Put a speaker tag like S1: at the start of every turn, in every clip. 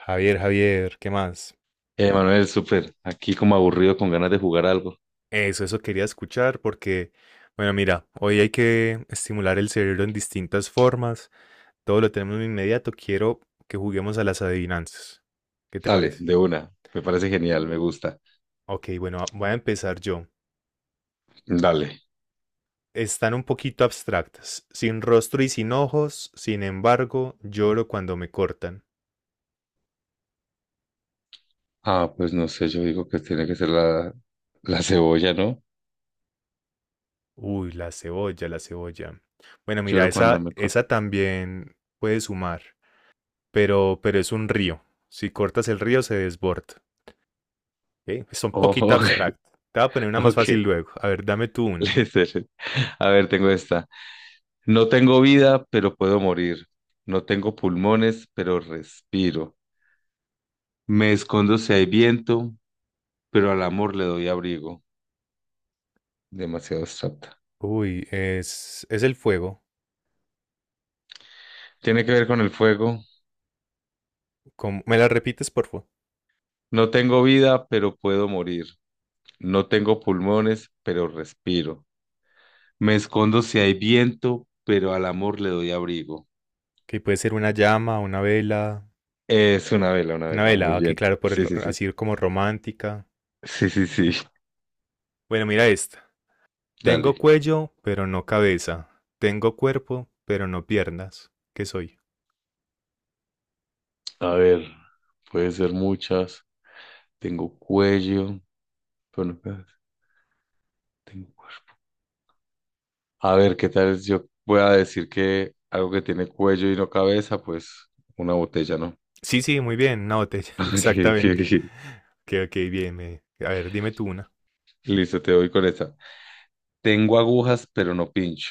S1: Javier, Javier, ¿qué más?
S2: Manuel, súper. Aquí como aburrido con ganas de jugar algo.
S1: Eso quería escuchar porque, bueno, mira, hoy hay que estimular el cerebro en distintas formas. Todo lo tenemos de inmediato. Quiero que juguemos a las adivinanzas. ¿Qué te
S2: Dale,
S1: parece?
S2: de una. Me parece genial, me gusta.
S1: Ok, bueno, voy a empezar yo.
S2: Dale.
S1: Están un poquito abstractas. Sin rostro y sin ojos, sin embargo, lloro cuando me cortan.
S2: Ah, pues no sé, yo digo que tiene que ser la cebolla, ¿no?
S1: Uy, la cebolla, la cebolla. Bueno, mira,
S2: Lloro cuando
S1: esa,
S2: me corto.
S1: esa también puede sumar, pero es un río. Si cortas el río, se desborda. Ok, está un
S2: Oh,
S1: poquito
S2: ok,
S1: abstract. Te voy a poner una más
S2: ok.
S1: fácil luego. A ver, dame tú una.
S2: Listo. A ver, tengo esta. No tengo vida, pero puedo morir. No tengo pulmones, pero respiro. Me escondo si hay viento, pero al amor le doy abrigo. Demasiado abstracta.
S1: Uy, es el fuego.
S2: Tiene que ver con el fuego.
S1: ¿Cómo- ¿Me la repites, por favor?
S2: No tengo vida, pero puedo morir. No tengo pulmones, pero respiro. Me escondo si hay viento, pero al amor le doy abrigo.
S1: Que puede ser una llama, una vela.
S2: Es una vela, una
S1: Una
S2: vela. Muy
S1: vela, que
S2: bien.
S1: claro, por
S2: Sí,
S1: el-
S2: sí, sí.
S1: así como romántica.
S2: Sí, sí, sí.
S1: Bueno, mira esta.
S2: Dale.
S1: Tengo cuello, pero no cabeza. Tengo cuerpo, pero no piernas. ¿Qué soy?
S2: A ver, puede ser muchas. Tengo cuello, pero no cabeza. Tengo cue- A ver, ¿qué tal es? Yo voy a decir que algo que tiene cuello y no cabeza. Pues una botella, ¿no?
S1: Sí, sí, muy bien, una botella,
S2: Ok, ok,
S1: exactamente.
S2: ok.
S1: Ok, ok, bien. Me- A ver, dime tú una.
S2: Listo, te voy con esa. Tengo agujas, pero no pincho.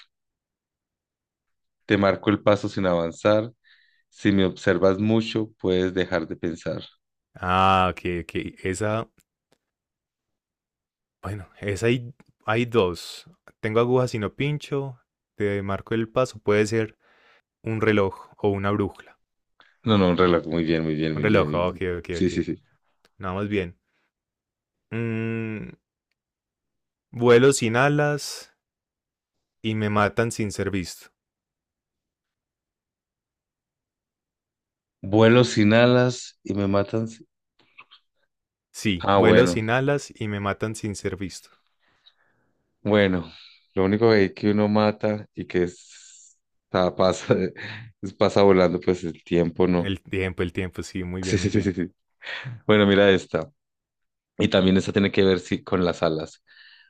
S2: Te marco el paso sin avanzar. Si me observas mucho, puedes dejar de pensar.
S1: Ah, ok, ok. Esa bueno, es hay, hay dos. Tengo agujas y no pincho. Te marco el paso. Puede ser un reloj o una brújula.
S2: No, no, un reloj. Muy bien, muy bien,
S1: Un
S2: muy
S1: reloj,
S2: bien, muy
S1: ah, ok,
S2: bien.
S1: ok,
S2: Sí, sí,
S1: ok.
S2: sí.
S1: Nada más bien. Mm, vuelo sin alas y me matan sin ser visto.
S2: Vuelo sin alas y me matan. Si-
S1: Sí,
S2: Ah,
S1: vuelo
S2: bueno,
S1: sin alas y me matan sin ser visto.
S2: bueno. Lo único que uno mata y que ah, pasa, es pasa volando, pues el tiempo no.
S1: El tiempo, sí, muy
S2: Sí,
S1: bien, muy
S2: sí, sí,
S1: bien.
S2: sí, sí. Bueno, mira esta. Y también esta tiene que ver sí, con las alas.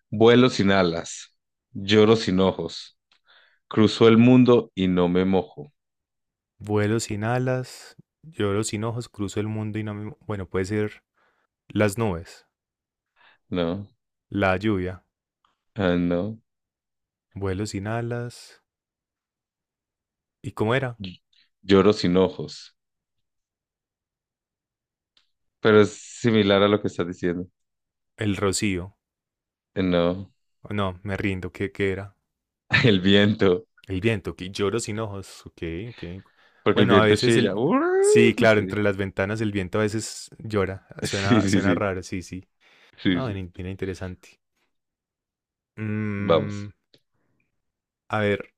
S2: Vuelo sin alas, lloro sin ojos, cruzo el mundo y no me mojo.
S1: Vuelo sin alas, lloro sin ojos, cruzo el mundo y no me... Bueno, puede ser las nubes,
S2: No,
S1: la lluvia,
S2: ah, no.
S1: vuelo sin alas. ¿Y cómo era?
S2: Lloro sin ojos, pero es similar a lo que estás diciendo.
S1: El rocío.
S2: No,
S1: No, me rindo. ¿Qué, qué era?
S2: el viento,
S1: El viento, que lloro sin ojos. Ok, ok.
S2: porque el
S1: Bueno, a
S2: viento
S1: veces
S2: chilla.
S1: el... Sí, claro,
S2: Sí,
S1: entre las ventanas el viento a veces llora.
S2: sí,
S1: Suena,
S2: sí,
S1: suena
S2: sí,
S1: raro, sí, sí.
S2: sí,
S1: Ah, era
S2: sí.
S1: in- era interesante. Mm,
S2: Vamos.
S1: a ver,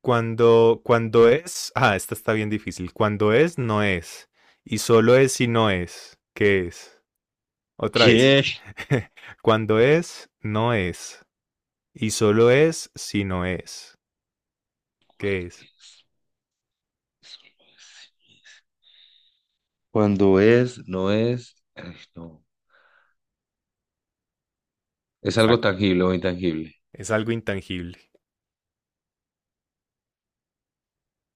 S1: cuando es... Ah, esta está bien difícil. Cuando es, no es. Y solo es si no es. ¿Qué es? Otra vez.
S2: ¿Qué?
S1: Cuando es, no es. Y solo es si no es. ¿Qué es?
S2: ¿Cuándo es? Eso no es. Cuando es, no es, ay, no. Es algo
S1: Está-
S2: tangible o intangible.
S1: Es algo intangible.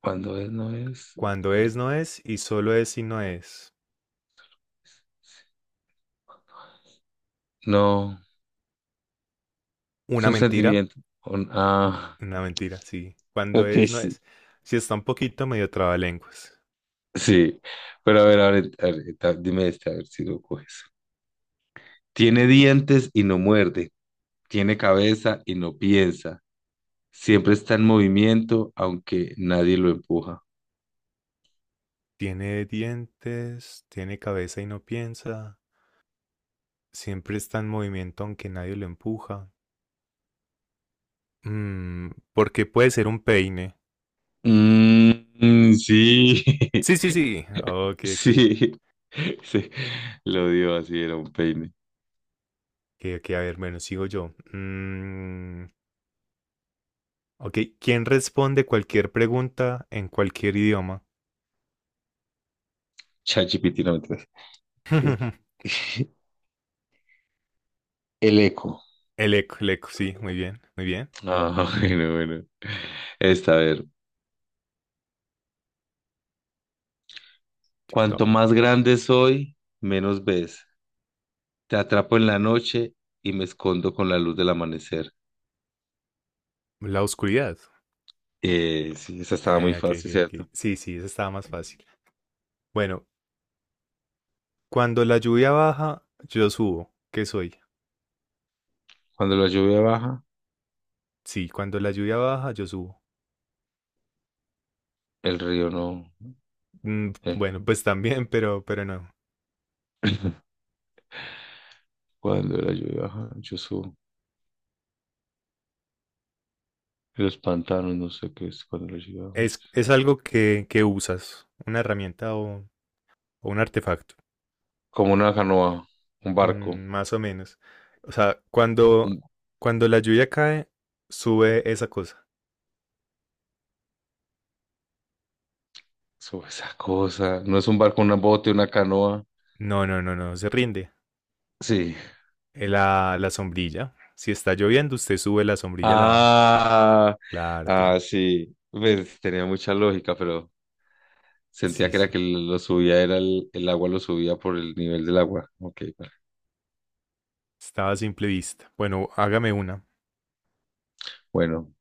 S2: Cuando es, no es.
S1: Cuando es,
S2: Cuando...
S1: no es, y solo es y no es.
S2: No, es
S1: Una
S2: un
S1: mentira,
S2: sentimiento. Un- ah,
S1: una mentira, sí. Cuando
S2: ok,
S1: es, no
S2: sí.
S1: es. Si está un poquito medio trabalenguas.
S2: Sí, pero a ver, a ver, a ver, dime este, a ver si lo coges. Tiene dientes y no muerde. Tiene cabeza y no piensa. Siempre está en movimiento, aunque nadie lo empuja.
S1: Tiene dientes, tiene cabeza y no piensa. Siempre está en movimiento aunque nadie lo empuja. Mm, porque puede ser un peine.
S2: Mm, sí,
S1: Sí, sí, sí. Ok, ok.
S2: sí, sí. Lo dio así, era un peine.
S1: Ok, ok, a ver, bueno, sigo yo. Ok, ¿quién responde cualquier pregunta en cualquier idioma?
S2: ChatGPT, no mentiras. Espérate. El eco.
S1: El eco, sí, muy bien, muy bien.
S2: Ah, bueno, bueno. Esta, a ver. Cuanto
S1: Top.
S2: más grande soy, menos ves. Te atrapo en la noche y me escondo con la luz del amanecer.
S1: La oscuridad.
S2: Sí, esa estaba muy
S1: Ok, ok,
S2: fácil, ¿cierto?
S1: ok. Sí, sí, esa estaba más fácil. Bueno, cuando la lluvia baja, yo subo. ¿Qué soy?
S2: Cuando la lluvia baja,
S1: Sí, cuando la lluvia baja, yo subo.
S2: el río no.
S1: Mm,
S2: eh,
S1: bueno, pues también, pero no.
S2: Cuando la lluvia baja, yo subo. Los pantanos, no sé qué es cuando la lluvia baja, yo subo.
S1: Es algo que usas, una herramienta o un artefacto.
S2: Como una canoa, un barco.
S1: Mm, más o menos. O sea, cuando,
S2: Un...
S1: cuando la lluvia cae, sube esa cosa.
S2: Eso, esa cosa. No es un barco, una bote, una canoa.
S1: No, no, no, no, se rinde.
S2: Sí.
S1: La, la sombrilla. Si está lloviendo, usted sube la sombrilla, a la...
S2: Ah,
S1: Claro,
S2: ah,
S1: claro.
S2: sí. Pues, tenía mucha lógica, pero sentía
S1: Sí,
S2: que era
S1: sí.
S2: que lo subía, era el agua lo subía por el nivel del agua. Ok, vale.
S1: Estaba a simple vista. Bueno, hágame una.
S2: Bueno.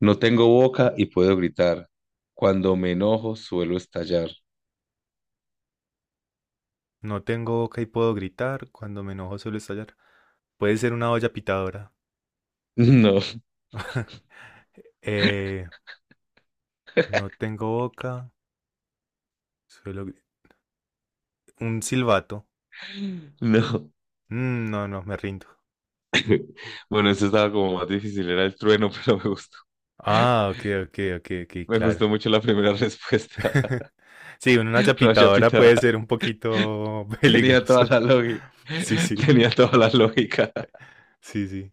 S2: No tengo boca y puedo gritar. Cuando me enojo, suelo estallar.
S1: No tengo boca y puedo gritar. Cuando me enojo suelo estallar. Puede ser una olla pitadora.
S2: No,
S1: Eh, no tengo boca. Suelo gri- Un silbato.
S2: no.
S1: Mm, no, no, me rindo.
S2: Bueno, esto estaba como más difícil, era el trueno, pero me gustó.
S1: Ah, ok, ok, ok, ok,
S2: Me
S1: claro.
S2: gustó mucho la primera respuesta.
S1: Sí, una olla
S2: Raya
S1: pitadora puede
S2: Pitadora
S1: ser un poquito
S2: tenía toda
S1: peligrosa.
S2: la lógica.
S1: Sí, sí,
S2: Tenía toda la lógica.
S1: sí, sí.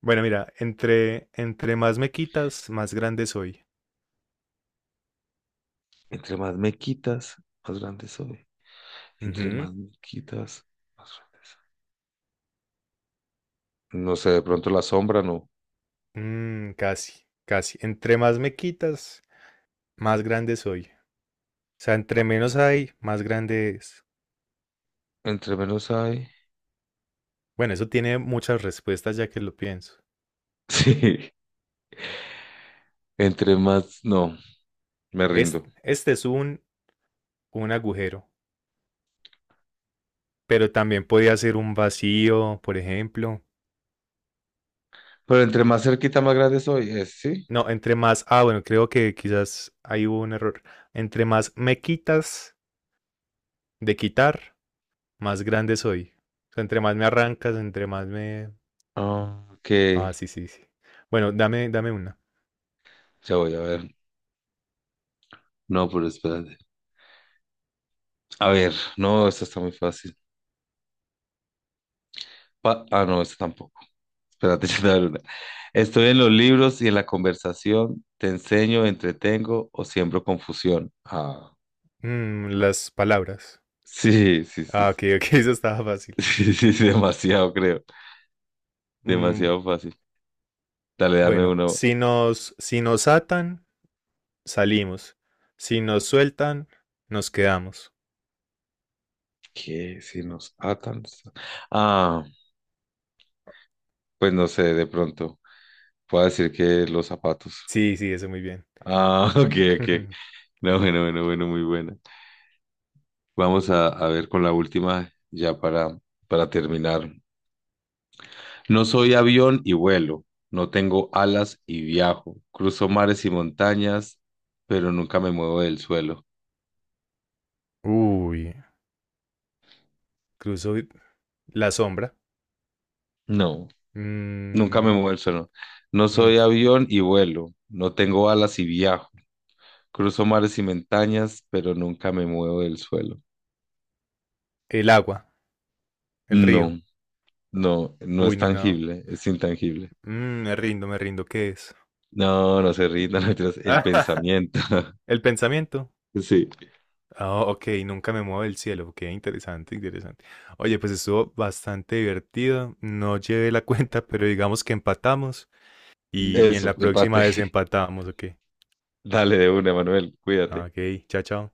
S1: Bueno, mira, entre más me quitas, más grande soy.
S2: Entre más me quitas, más grande soy. Entre
S1: Ujú.
S2: más me quitas, más grande soy. No sé, de pronto la sombra, no.
S1: Mm, casi, casi. Entre más me quitas, más grande soy. O sea, entre menos hay, más grande es.
S2: Entre menos hay.
S1: Bueno, eso tiene muchas respuestas ya que lo pienso.
S2: Sí, entre más, no, me
S1: Es-
S2: rindo.
S1: Este, es un agujero, pero también podría ser un vacío, por ejemplo.
S2: Pero entre más cerquita, más grande soy, es, ¿sí?
S1: No, entre más, ah, bueno, creo que quizás ahí hubo un error. Entre más me quitas de quitar, más grande soy. O sea, entre más me arrancas, entre más me...
S2: Ah, ok,
S1: Ah, sí, sí, sí. Bueno, dame, dame una.
S2: ya voy a ver. No, pero espérate. A ver, no, esto está muy fácil. No, eso tampoco. Espérate, yo te voy a dar una. Estoy en los libros y en la conversación. Te enseño, entretengo o siembro confusión. Ah,
S1: Mm, las palabras.
S2: sí, sí, sí.
S1: Ah, ok, ok, eso estaba fácil.
S2: Sí, sí, sí, demasiado, creo.
S1: Mm,
S2: Demasiado fácil. Dale, dame
S1: bueno,
S2: uno.
S1: si nos, si nos atan, salimos. Si nos sueltan, nos quedamos.
S2: ¿Qué? Si nos atan. Ah, pues no sé, de pronto. Puedo decir que los zapatos.
S1: Sí, sí, eso muy bien.
S2: Ah, ok, ok. No, bueno, bueno, bueno, muy buena. Vamos a ver con la última ya para terminar. No soy avión y vuelo, no tengo alas y viajo, cruzo mares y montañas, pero nunca me muevo del suelo.
S1: Uy, cruzo y- la sombra.
S2: No, nunca me
S1: Mm,
S2: muevo del suelo. No soy
S1: nunca.
S2: avión y vuelo, no tengo alas y viajo, cruzo mares y montañas, pero nunca me muevo del suelo.
S1: El agua, el río.
S2: No, no, no
S1: Uy,
S2: es
S1: no, no.
S2: tangible, es intangible.
S1: Mm, me rindo, me rindo. ¿Qué es?
S2: No, no se rindan, no, mentiras, el pensamiento.
S1: El pensamiento.
S2: Sí,
S1: Oh, ok, nunca me muevo del cielo. Qué interesante, interesante. Oye, pues estuvo bastante divertido. No llevé la cuenta, pero digamos que empatamos y, y en
S2: eso,
S1: la próxima
S2: empate.
S1: vez empatamos, ok.
S2: Dale de una, Manuel,
S1: Ah,
S2: cuídate.
S1: ok, chao, chao.